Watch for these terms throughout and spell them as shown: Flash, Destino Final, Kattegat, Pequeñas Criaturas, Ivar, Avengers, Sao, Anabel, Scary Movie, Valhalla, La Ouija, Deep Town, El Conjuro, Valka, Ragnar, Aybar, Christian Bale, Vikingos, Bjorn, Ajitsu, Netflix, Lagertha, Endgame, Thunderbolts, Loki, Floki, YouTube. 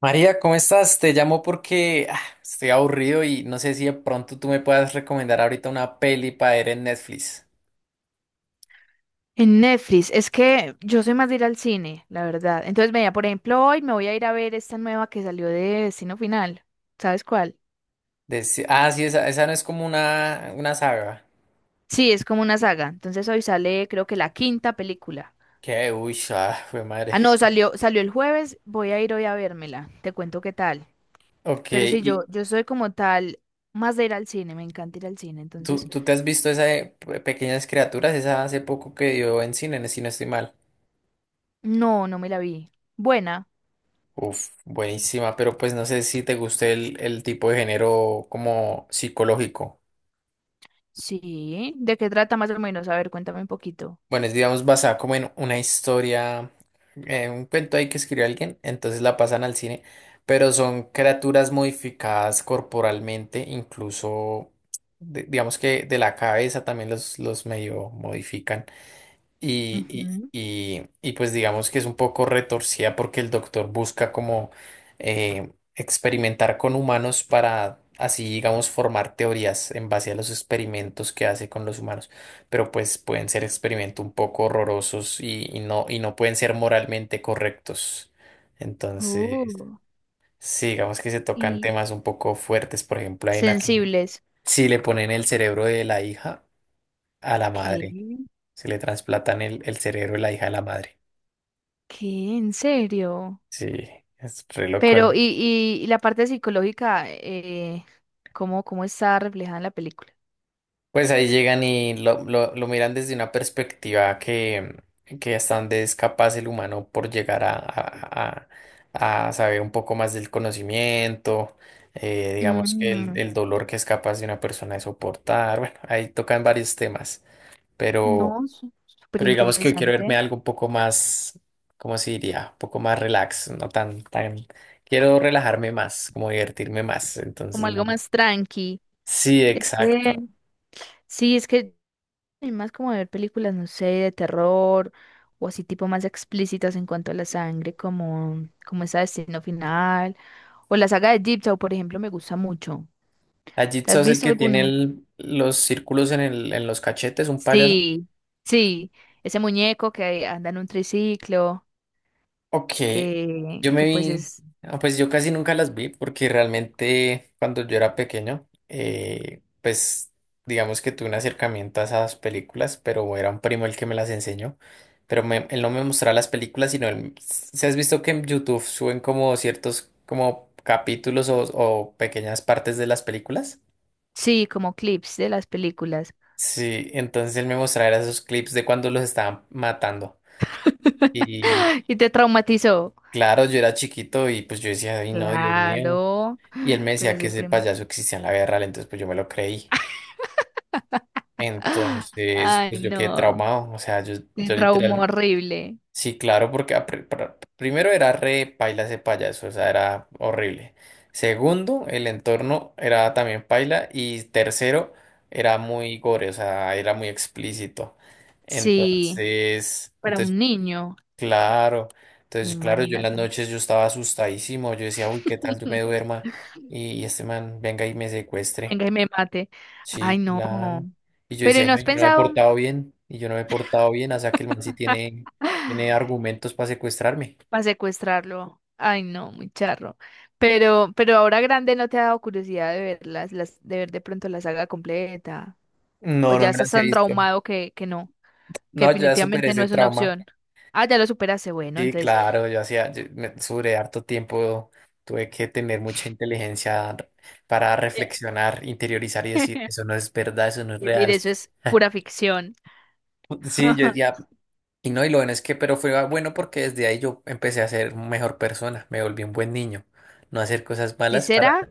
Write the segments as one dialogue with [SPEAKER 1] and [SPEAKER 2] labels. [SPEAKER 1] María, ¿cómo estás? Te llamo porque estoy aburrido y no sé si de pronto tú me puedas recomendar ahorita una peli para ver en Netflix.
[SPEAKER 2] En Netflix, es que yo soy más de ir al cine, la verdad. Entonces, vea, por ejemplo, hoy me voy a ir a ver esta nueva que salió de Destino Final. ¿Sabes cuál?
[SPEAKER 1] Sí, esa no es como una saga.
[SPEAKER 2] Sí, es como una saga. Entonces hoy sale, creo que la quinta película.
[SPEAKER 1] Que, uy, ah, fue madre.
[SPEAKER 2] Ah, no, salió, salió el jueves, voy a ir hoy a vérmela. Te cuento qué tal.
[SPEAKER 1] Ok,
[SPEAKER 2] Pero sí, yo,
[SPEAKER 1] ¿y
[SPEAKER 2] yo soy como tal, más de ir al cine, me encanta ir al cine. Entonces,
[SPEAKER 1] tú te has visto esa de Pequeñas Criaturas? Esa hace poco que dio en cine, si no estoy mal.
[SPEAKER 2] no, no me la vi. Buena.
[SPEAKER 1] Uf, buenísima, pero pues no sé si te guste el tipo de género como psicológico.
[SPEAKER 2] Sí. ¿De qué trata más o menos? A ver, cuéntame un poquito.
[SPEAKER 1] Bueno, es digamos basada como en una historia, en un cuento ahí que escribió alguien, entonces la pasan al cine, pero son criaturas modificadas corporalmente, incluso digamos que de la cabeza también los medio modifican. Y,
[SPEAKER 2] Ujú.
[SPEAKER 1] pues digamos que es un poco retorcida porque el doctor busca como experimentar con humanos para así, digamos, formar teorías en base a los experimentos que hace con los humanos. Pero pues pueden ser experimentos un poco horrorosos y no pueden ser moralmente correctos. Entonces,
[SPEAKER 2] Oh,
[SPEAKER 1] sí, digamos que se tocan
[SPEAKER 2] y
[SPEAKER 1] temas un poco fuertes. Por ejemplo, hay una que
[SPEAKER 2] sensibles.
[SPEAKER 1] si le ponen el cerebro de la hija a la
[SPEAKER 2] ¿Qué?
[SPEAKER 1] madre. Se le trasplantan el cerebro de la hija a la madre.
[SPEAKER 2] ¿Qué? ¿En serio?
[SPEAKER 1] Sí, es re loco,
[SPEAKER 2] Pero, ¿y,
[SPEAKER 1] ¿no?
[SPEAKER 2] y, y la parte psicológica, cómo está reflejada en la película?
[SPEAKER 1] Pues ahí llegan y lo miran desde una perspectiva que hasta donde es capaz el humano por llegar a saber un poco más del conocimiento, digamos que
[SPEAKER 2] Mm,
[SPEAKER 1] el dolor que es capaz de una persona de soportar. Bueno, ahí tocan varios temas, pero.
[SPEAKER 2] no, súper
[SPEAKER 1] Pero digamos que yo quiero verme
[SPEAKER 2] interesante.
[SPEAKER 1] algo un poco más, ¿cómo se diría? Un poco más relax, no tan, tan. Quiero relajarme más, como divertirme más. Entonces,
[SPEAKER 2] Como algo
[SPEAKER 1] no.
[SPEAKER 2] más tranqui.
[SPEAKER 1] Sí,
[SPEAKER 2] Es que,
[SPEAKER 1] exacto.
[SPEAKER 2] sí, es que soy más como de ver películas, no sé, de terror o así tipo más explícitas en cuanto a la sangre, como, como esa de Destino Final o la saga de Deep Town, por ejemplo, me gusta mucho. ¿Te
[SPEAKER 1] Ajitsu
[SPEAKER 2] has
[SPEAKER 1] es el
[SPEAKER 2] visto
[SPEAKER 1] que tiene
[SPEAKER 2] alguna?
[SPEAKER 1] los círculos en, el, en los cachetes, un payaso.
[SPEAKER 2] Sí, sí, ese muñeco que anda en un triciclo,
[SPEAKER 1] Ok,
[SPEAKER 2] que,
[SPEAKER 1] yo me
[SPEAKER 2] que pues
[SPEAKER 1] vi,
[SPEAKER 2] es,
[SPEAKER 1] ah, pues yo casi nunca las vi porque realmente cuando yo era pequeño, pues digamos que tuve un acercamiento a esas películas, pero era un primo el que me las enseñó, pero él no me mostraba las películas, sino él, si has visto que en YouTube suben como ciertos como capítulos o pequeñas partes de las películas.
[SPEAKER 2] sí, como clips de las películas.
[SPEAKER 1] Sí, entonces él me mostraba esos clips de cuando los estaban matando. Y
[SPEAKER 2] Y te traumatizó.
[SPEAKER 1] claro, yo era chiquito y pues yo decía, ay no, Dios mío.
[SPEAKER 2] Claro,
[SPEAKER 1] Y él me
[SPEAKER 2] pero
[SPEAKER 1] decía que
[SPEAKER 2] ese
[SPEAKER 1] ese
[SPEAKER 2] primo.
[SPEAKER 1] payaso existía en la guerra, entonces pues yo me lo creí.
[SPEAKER 2] ¡Ah!
[SPEAKER 1] Entonces,
[SPEAKER 2] Ay,
[SPEAKER 1] pues yo quedé
[SPEAKER 2] no,
[SPEAKER 1] traumado. O sea,
[SPEAKER 2] te
[SPEAKER 1] yo
[SPEAKER 2] traumó
[SPEAKER 1] literal.
[SPEAKER 2] horrible.
[SPEAKER 1] Sí, claro, porque primero era re paila ese payaso, o sea, era horrible. Segundo, el entorno era también paila. Y tercero, era muy gore, o sea, era muy explícito.
[SPEAKER 2] Sí,
[SPEAKER 1] Entonces,
[SPEAKER 2] para
[SPEAKER 1] entonces,
[SPEAKER 2] un niño,
[SPEAKER 1] claro. Entonces, claro, yo en las
[SPEAKER 2] imagínate.
[SPEAKER 1] noches yo estaba asustadísimo. Yo decía, uy, ¿qué tal yo me duerma? Y este man venga y me secuestre.
[SPEAKER 2] Venga y me mate. Ay,
[SPEAKER 1] Sí,
[SPEAKER 2] no.
[SPEAKER 1] claro. Y yo
[SPEAKER 2] ¿Pero y
[SPEAKER 1] decía, "Ay,
[SPEAKER 2] no
[SPEAKER 1] no,
[SPEAKER 2] has
[SPEAKER 1] yo no me he
[SPEAKER 2] pensado?
[SPEAKER 1] portado bien, y yo no me he portado bien, o sea que el man sí tiene argumentos para secuestrarme."
[SPEAKER 2] Para secuestrarlo. Ay, no, muy charro. Pero ahora grande no te ha dado curiosidad de ver de ver de pronto la saga completa. O
[SPEAKER 1] No,
[SPEAKER 2] ya
[SPEAKER 1] no me
[SPEAKER 2] estás
[SPEAKER 1] las he
[SPEAKER 2] tan
[SPEAKER 1] visto.
[SPEAKER 2] traumado que no, que
[SPEAKER 1] No, ya superé
[SPEAKER 2] definitivamente no
[SPEAKER 1] ese
[SPEAKER 2] es una
[SPEAKER 1] trauma.
[SPEAKER 2] opción. Ah, ya lo superaste, bueno,
[SPEAKER 1] Sí,
[SPEAKER 2] entonces.
[SPEAKER 1] claro, yo hacía, sobre harto tiempo tuve que tener mucha para
[SPEAKER 2] eh,
[SPEAKER 1] reflexionar, interiorizar y decir, eso no es verdad, eso no es
[SPEAKER 2] Es decir,
[SPEAKER 1] real.
[SPEAKER 2] eso es pura ficción.
[SPEAKER 1] Sí, yo decía, y no, y lo bueno es que, pero fue bueno porque desde ahí yo empecé a ser mejor persona, me volví un buen niño, no hacer cosas
[SPEAKER 2] Si
[SPEAKER 1] malas para.
[SPEAKER 2] será,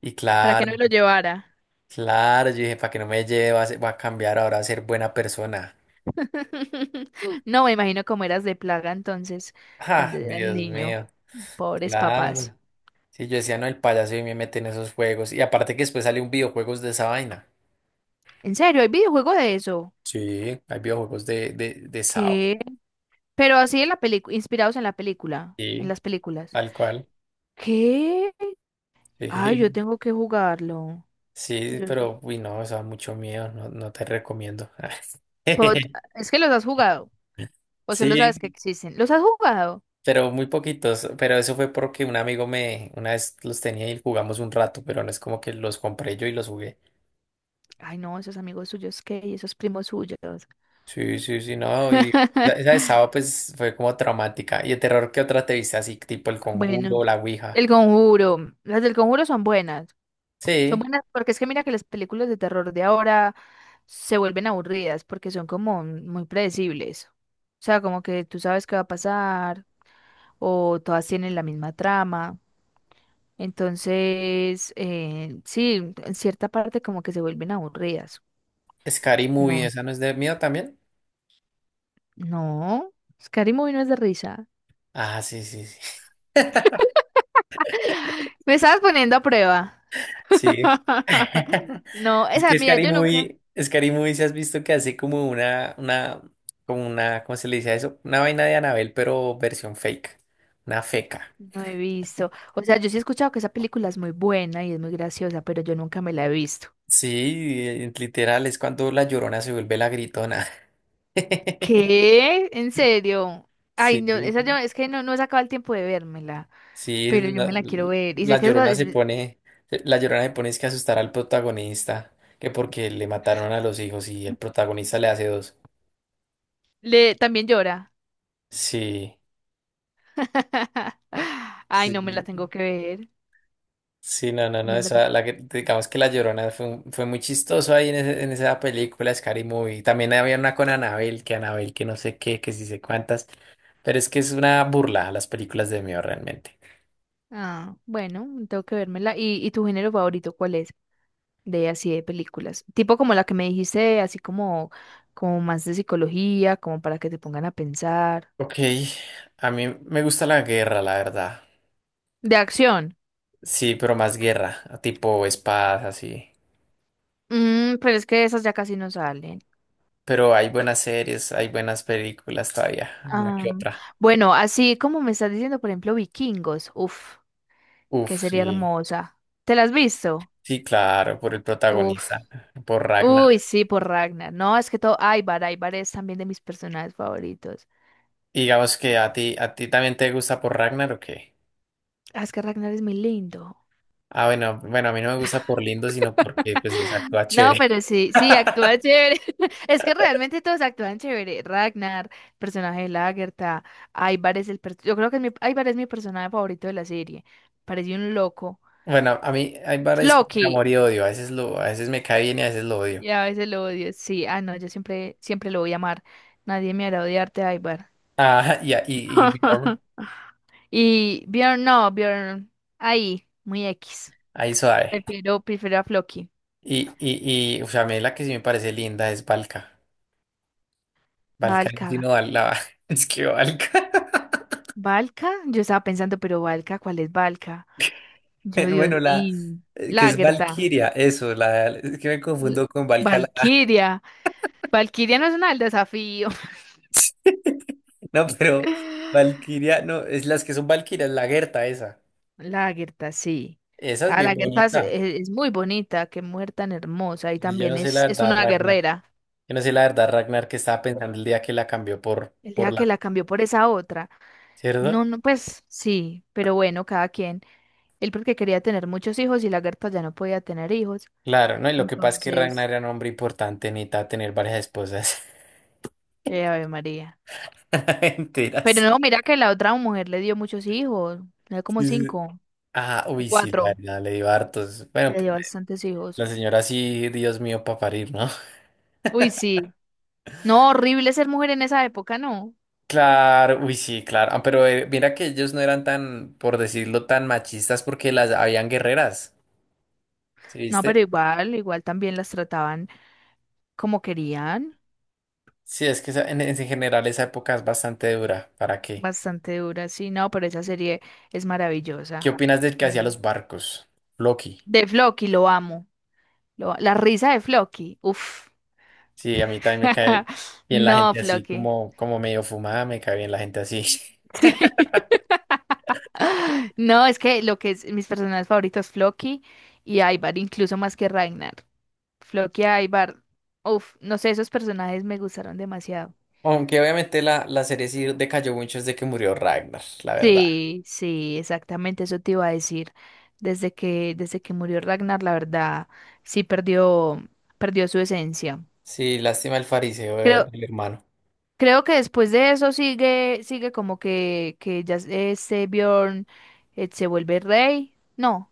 [SPEAKER 1] Y
[SPEAKER 2] ¿para qué
[SPEAKER 1] claro,
[SPEAKER 2] no lo llevara?
[SPEAKER 1] claro, yo dije, para que no me lleve, va a cambiar ahora a ser buena persona.
[SPEAKER 2] No, me imagino cómo eras de plaga entonces
[SPEAKER 1] Ah,
[SPEAKER 2] cuando eras
[SPEAKER 1] Dios
[SPEAKER 2] niño.
[SPEAKER 1] mío,
[SPEAKER 2] Pobres
[SPEAKER 1] claro.
[SPEAKER 2] papás.
[SPEAKER 1] Sí, yo decía, no, el payaso y me mete en esos juegos. Y aparte que después salió un videojuegos de esa vaina.
[SPEAKER 2] ¿En serio? ¿Hay videojuego de eso?
[SPEAKER 1] Sí, hay videojuegos de Sao.
[SPEAKER 2] Pero así en la película, inspirados en la película, en
[SPEAKER 1] Sí,
[SPEAKER 2] las películas.
[SPEAKER 1] tal cual.
[SPEAKER 2] ¿Qué? Ay, yo
[SPEAKER 1] Sí,
[SPEAKER 2] tengo que jugarlo.
[SPEAKER 1] sí,
[SPEAKER 2] Yo-
[SPEAKER 1] pero, uy, no, eso da mucho miedo, no, no te recomiendo.
[SPEAKER 2] Pod- Es que los has jugado, o solo sabes
[SPEAKER 1] Sí,
[SPEAKER 2] que existen. ¿Los has jugado?
[SPEAKER 1] pero muy poquitos. Pero eso fue porque un amigo me, una vez los tenía y jugamos un rato, pero no es como que los compré yo y los jugué.
[SPEAKER 2] Ay, no, esos amigos suyos, ¿qué? Y esos primos suyos.
[SPEAKER 1] Sí, sí, sí, no, y esa de sábado pues fue como traumática. ¿Y de terror qué otra te viste así, tipo El
[SPEAKER 2] Bueno,
[SPEAKER 1] Conjuro, La Ouija?
[SPEAKER 2] El Conjuro. Las del Conjuro son buenas. Son
[SPEAKER 1] Sí,
[SPEAKER 2] buenas porque es que mira que las películas de terror de ahora se vuelven aburridas porque son como muy predecibles. O sea, como que tú sabes qué va a pasar o todas tienen la misma trama. Entonces, sí, en cierta parte como que se vuelven aburridas.
[SPEAKER 1] Scary Movie,
[SPEAKER 2] No,
[SPEAKER 1] ¿esa no es de miedo también?
[SPEAKER 2] no, Scary Movie no es de risa.
[SPEAKER 1] Ah, sí, sí, sí.
[SPEAKER 2] Me estabas poniendo a prueba.
[SPEAKER 1] Sí.
[SPEAKER 2] No,
[SPEAKER 1] Es
[SPEAKER 2] esa,
[SPEAKER 1] que
[SPEAKER 2] mira, yo nunca
[SPEAKER 1] Scary Movie, si has visto que hace como como una, ¿cómo se le dice a eso? Una vaina de Anabel, pero versión fake, una feca.
[SPEAKER 2] no he visto. O sea, yo sí he escuchado que esa película es muy buena y es muy graciosa, pero yo nunca me la he visto.
[SPEAKER 1] Sí, literal, es cuando la llorona se vuelve la gritona.
[SPEAKER 2] ¿Qué? ¿En serio? Ay, no, esa
[SPEAKER 1] Sí.
[SPEAKER 2] yo, es que no, no he sacado el tiempo de vérmela,
[SPEAKER 1] Sí,
[SPEAKER 2] pero yo me la quiero ver. Y sé
[SPEAKER 1] la
[SPEAKER 2] que es, ba-
[SPEAKER 1] Llorona se
[SPEAKER 2] es-
[SPEAKER 1] pone, la Llorona se pone es que asustar al protagonista, que porque le mataron a los hijos y el protagonista le hace dos.
[SPEAKER 2] le, también llora.
[SPEAKER 1] Sí,
[SPEAKER 2] Ay,
[SPEAKER 1] sí,
[SPEAKER 2] no me la tengo que ver.
[SPEAKER 1] sí, no, no, no,
[SPEAKER 2] Me la de
[SPEAKER 1] esa, digamos que la Llorona fue, fue muy chistoso ahí en, en esa película, Scary Movie. También había una con Anabel, que no sé qué, que sí sé cuántas, pero es que es una burla a las películas de miedo realmente.
[SPEAKER 2] Ah, bueno, tengo que vérmela. y, tu género favorito cuál es? De así de películas. Tipo como la que me dijiste, así como, como más de psicología, como para que te pongan a pensar.
[SPEAKER 1] Ok, a mí me gusta la guerra, la verdad.
[SPEAKER 2] De acción.
[SPEAKER 1] Sí, pero más guerra, tipo espadas, así.
[SPEAKER 2] Mm, pero es que esas ya casi no salen.
[SPEAKER 1] Pero hay buenas series, hay buenas películas todavía, una
[SPEAKER 2] Ah,
[SPEAKER 1] que otra.
[SPEAKER 2] bueno, así como me estás diciendo, por ejemplo, Vikingos. Uf,
[SPEAKER 1] Uf,
[SPEAKER 2] que sería
[SPEAKER 1] sí,
[SPEAKER 2] hermosa. ¿Te la has visto?
[SPEAKER 1] sí, claro, por el
[SPEAKER 2] Uf.
[SPEAKER 1] protagonista, por Ragnar.
[SPEAKER 2] Uy, sí, por Ragnar. No, es que todo. Aybar, Aybar es también de mis personajes favoritos.
[SPEAKER 1] Y digamos que a ti también te gusta por Ragnar o qué?
[SPEAKER 2] Ah, es que Ragnar es muy lindo.
[SPEAKER 1] Ah, bueno, bueno, a mí no me gusta por lindo, sino porque pues es actúa
[SPEAKER 2] No,
[SPEAKER 1] chévere.
[SPEAKER 2] pero sí, sí, actúa chévere. Es que realmente todos actúan chévere. Ragnar, personaje de Lagertha, Ivar es el... per- yo creo que es mi... Ivar es mi personaje favorito de la serie. Parece un loco.
[SPEAKER 1] Bueno, a mí hay varias como que
[SPEAKER 2] Loki,
[SPEAKER 1] amor y odio, a veces lo, a veces me cae bien y a veces lo odio.
[SPEAKER 2] y a veces lo odio. Sí, ah, no, yo siempre, siempre lo voy a amar. Nadie me hará odiarte, Ivar.
[SPEAKER 1] Ah, y Bjorn,
[SPEAKER 2] Y Bjorn, no, Bjorn, ahí, muy X.
[SPEAKER 1] ahí suave.
[SPEAKER 2] Prefiero, prefiero a Floki.
[SPEAKER 1] O sea, a mí la que sí me parece linda es Valka. Valka, no,
[SPEAKER 2] Valka.
[SPEAKER 1] sino Val- la, es que Valka.
[SPEAKER 2] ¿Valka? Yo estaba pensando, pero Valka, ¿cuál es Valka? Yo, Dios
[SPEAKER 1] Bueno, la
[SPEAKER 2] mío.
[SPEAKER 1] que es
[SPEAKER 2] Lagertha.
[SPEAKER 1] Valkyria, eso, la es que me
[SPEAKER 2] L-
[SPEAKER 1] confundo con Valhalla.
[SPEAKER 2] Valkyria. Valkyria no es una del desafío.
[SPEAKER 1] No, pero Valkyria, no, es las que son Valkyrias, la Gerta esa.
[SPEAKER 2] Lagertha, sí.
[SPEAKER 1] Esa es
[SPEAKER 2] Ah,
[SPEAKER 1] bien
[SPEAKER 2] Lagertha
[SPEAKER 1] bonita.
[SPEAKER 2] es muy bonita, qué mujer tan hermosa. Y
[SPEAKER 1] Y yo no
[SPEAKER 2] también
[SPEAKER 1] sé la
[SPEAKER 2] es
[SPEAKER 1] verdad,
[SPEAKER 2] una
[SPEAKER 1] Ragnar.
[SPEAKER 2] guerrera.
[SPEAKER 1] Yo no sé la verdad, Ragnar, que estaba pensando el día que la cambió
[SPEAKER 2] El día
[SPEAKER 1] por la,
[SPEAKER 2] que la cambió por esa otra. No,
[SPEAKER 1] ¿cierto?
[SPEAKER 2] no, pues sí, pero bueno, cada quien. Él porque quería tener muchos hijos y Lagertha ya no podía tener hijos.
[SPEAKER 1] Claro, ¿no? Y lo que pasa es que Ragnar
[SPEAKER 2] Entonces,
[SPEAKER 1] era un hombre importante, necesitaba tener varias esposas
[SPEAKER 2] Ave María. Pero
[SPEAKER 1] enteras.
[SPEAKER 2] no, mira que la otra mujer le dio muchos hijos. Le dio como
[SPEAKER 1] Sí.
[SPEAKER 2] cinco
[SPEAKER 1] Ah,
[SPEAKER 2] o
[SPEAKER 1] uy, sí, la
[SPEAKER 2] cuatro.
[SPEAKER 1] verdad, le dio hartos. Bueno,
[SPEAKER 2] Le dio bastantes hijos.
[SPEAKER 1] la señora sí, Dios mío, para parir, ¿no?
[SPEAKER 2] Uy, sí. No, horrible ser mujer en esa época, no.
[SPEAKER 1] Claro, uy, sí, claro. Ah, pero mira que ellos no eran tan, por decirlo, tan machistas porque las habían guerreras, ¿sí
[SPEAKER 2] No, pero
[SPEAKER 1] viste?
[SPEAKER 2] igual, igual también las trataban como querían.
[SPEAKER 1] Sí, es que en general esa época es bastante dura. ¿Para qué?
[SPEAKER 2] Bastante dura sí, no, pero esa serie es
[SPEAKER 1] ¿Qué
[SPEAKER 2] maravillosa.
[SPEAKER 1] opinas del que hacía
[SPEAKER 2] No.
[SPEAKER 1] los barcos? Loki.
[SPEAKER 2] De Floki, lo amo. Lo- la risa de Floki, uff.
[SPEAKER 1] Sí, a mí también me cae bien la
[SPEAKER 2] No,
[SPEAKER 1] gente así,
[SPEAKER 2] Floki.
[SPEAKER 1] como, como medio fumada, me cae bien la gente así.
[SPEAKER 2] Sí. No, es que lo que es mis personajes favoritos, Floki y Ivar, incluso más que Ragnar. Floki y Ivar, uff, no sé, esos personajes me gustaron demasiado.
[SPEAKER 1] Aunque obviamente la serie sí decayó mucho desde que murió Ragnar, la verdad.
[SPEAKER 2] Sí, sí, exactamente eso te iba a decir. Desde que murió Ragnar, la verdad, sí perdió, perdió su esencia.
[SPEAKER 1] Sí, lástima el fariseo
[SPEAKER 2] Creo,
[SPEAKER 1] del hermano.
[SPEAKER 2] creo que después de eso sigue, sigue como que ya este Bjorn se vuelve rey. No,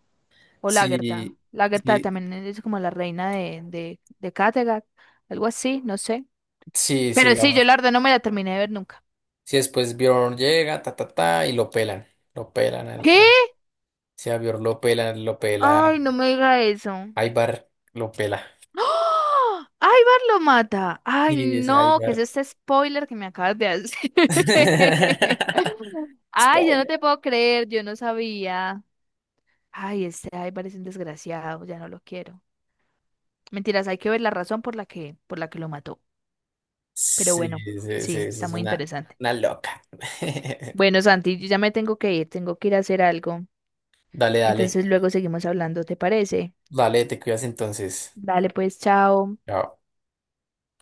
[SPEAKER 2] o Lagertha.
[SPEAKER 1] Sí,
[SPEAKER 2] Lagertha
[SPEAKER 1] sí.
[SPEAKER 2] también es como la reina de Kattegat, algo así, no sé.
[SPEAKER 1] Sí,
[SPEAKER 2] Pero sí, yo
[SPEAKER 1] sigamos.
[SPEAKER 2] la verdad no me la terminé de ver nunca.
[SPEAKER 1] Si después Bjorn llega, ta, ta, ta, y lo pelan. Lo pelan.
[SPEAKER 2] ¿Qué?
[SPEAKER 1] Si a Bjorn lo pelan, lo pela.
[SPEAKER 2] Ay, no me diga eso.
[SPEAKER 1] Ivar lo pela.
[SPEAKER 2] ¡Ah! ¡Ivar lo mata! ¡Ay,
[SPEAKER 1] Y ese
[SPEAKER 2] no! ¿Qué es
[SPEAKER 1] Ivar.
[SPEAKER 2] este spoiler que me acabas de hacer? ¡Ay, yo no
[SPEAKER 1] Spoiler.
[SPEAKER 2] te puedo creer! Yo no sabía. ¡Ay, este Ivar es un desgraciado! Ya no lo quiero. Mentiras, hay que ver la razón por la que lo mató. Pero
[SPEAKER 1] Sí,
[SPEAKER 2] bueno,
[SPEAKER 1] sí, sí, sí,
[SPEAKER 2] sí, está
[SPEAKER 1] es
[SPEAKER 2] muy interesante.
[SPEAKER 1] una loca.
[SPEAKER 2] Bueno, Santi, yo ya me tengo que ir. Tengo que ir a hacer algo.
[SPEAKER 1] Dale, dale.
[SPEAKER 2] Entonces luego seguimos hablando, ¿te parece?
[SPEAKER 1] Dale, te cuidas entonces.
[SPEAKER 2] Dale, pues, chao.
[SPEAKER 1] Chao.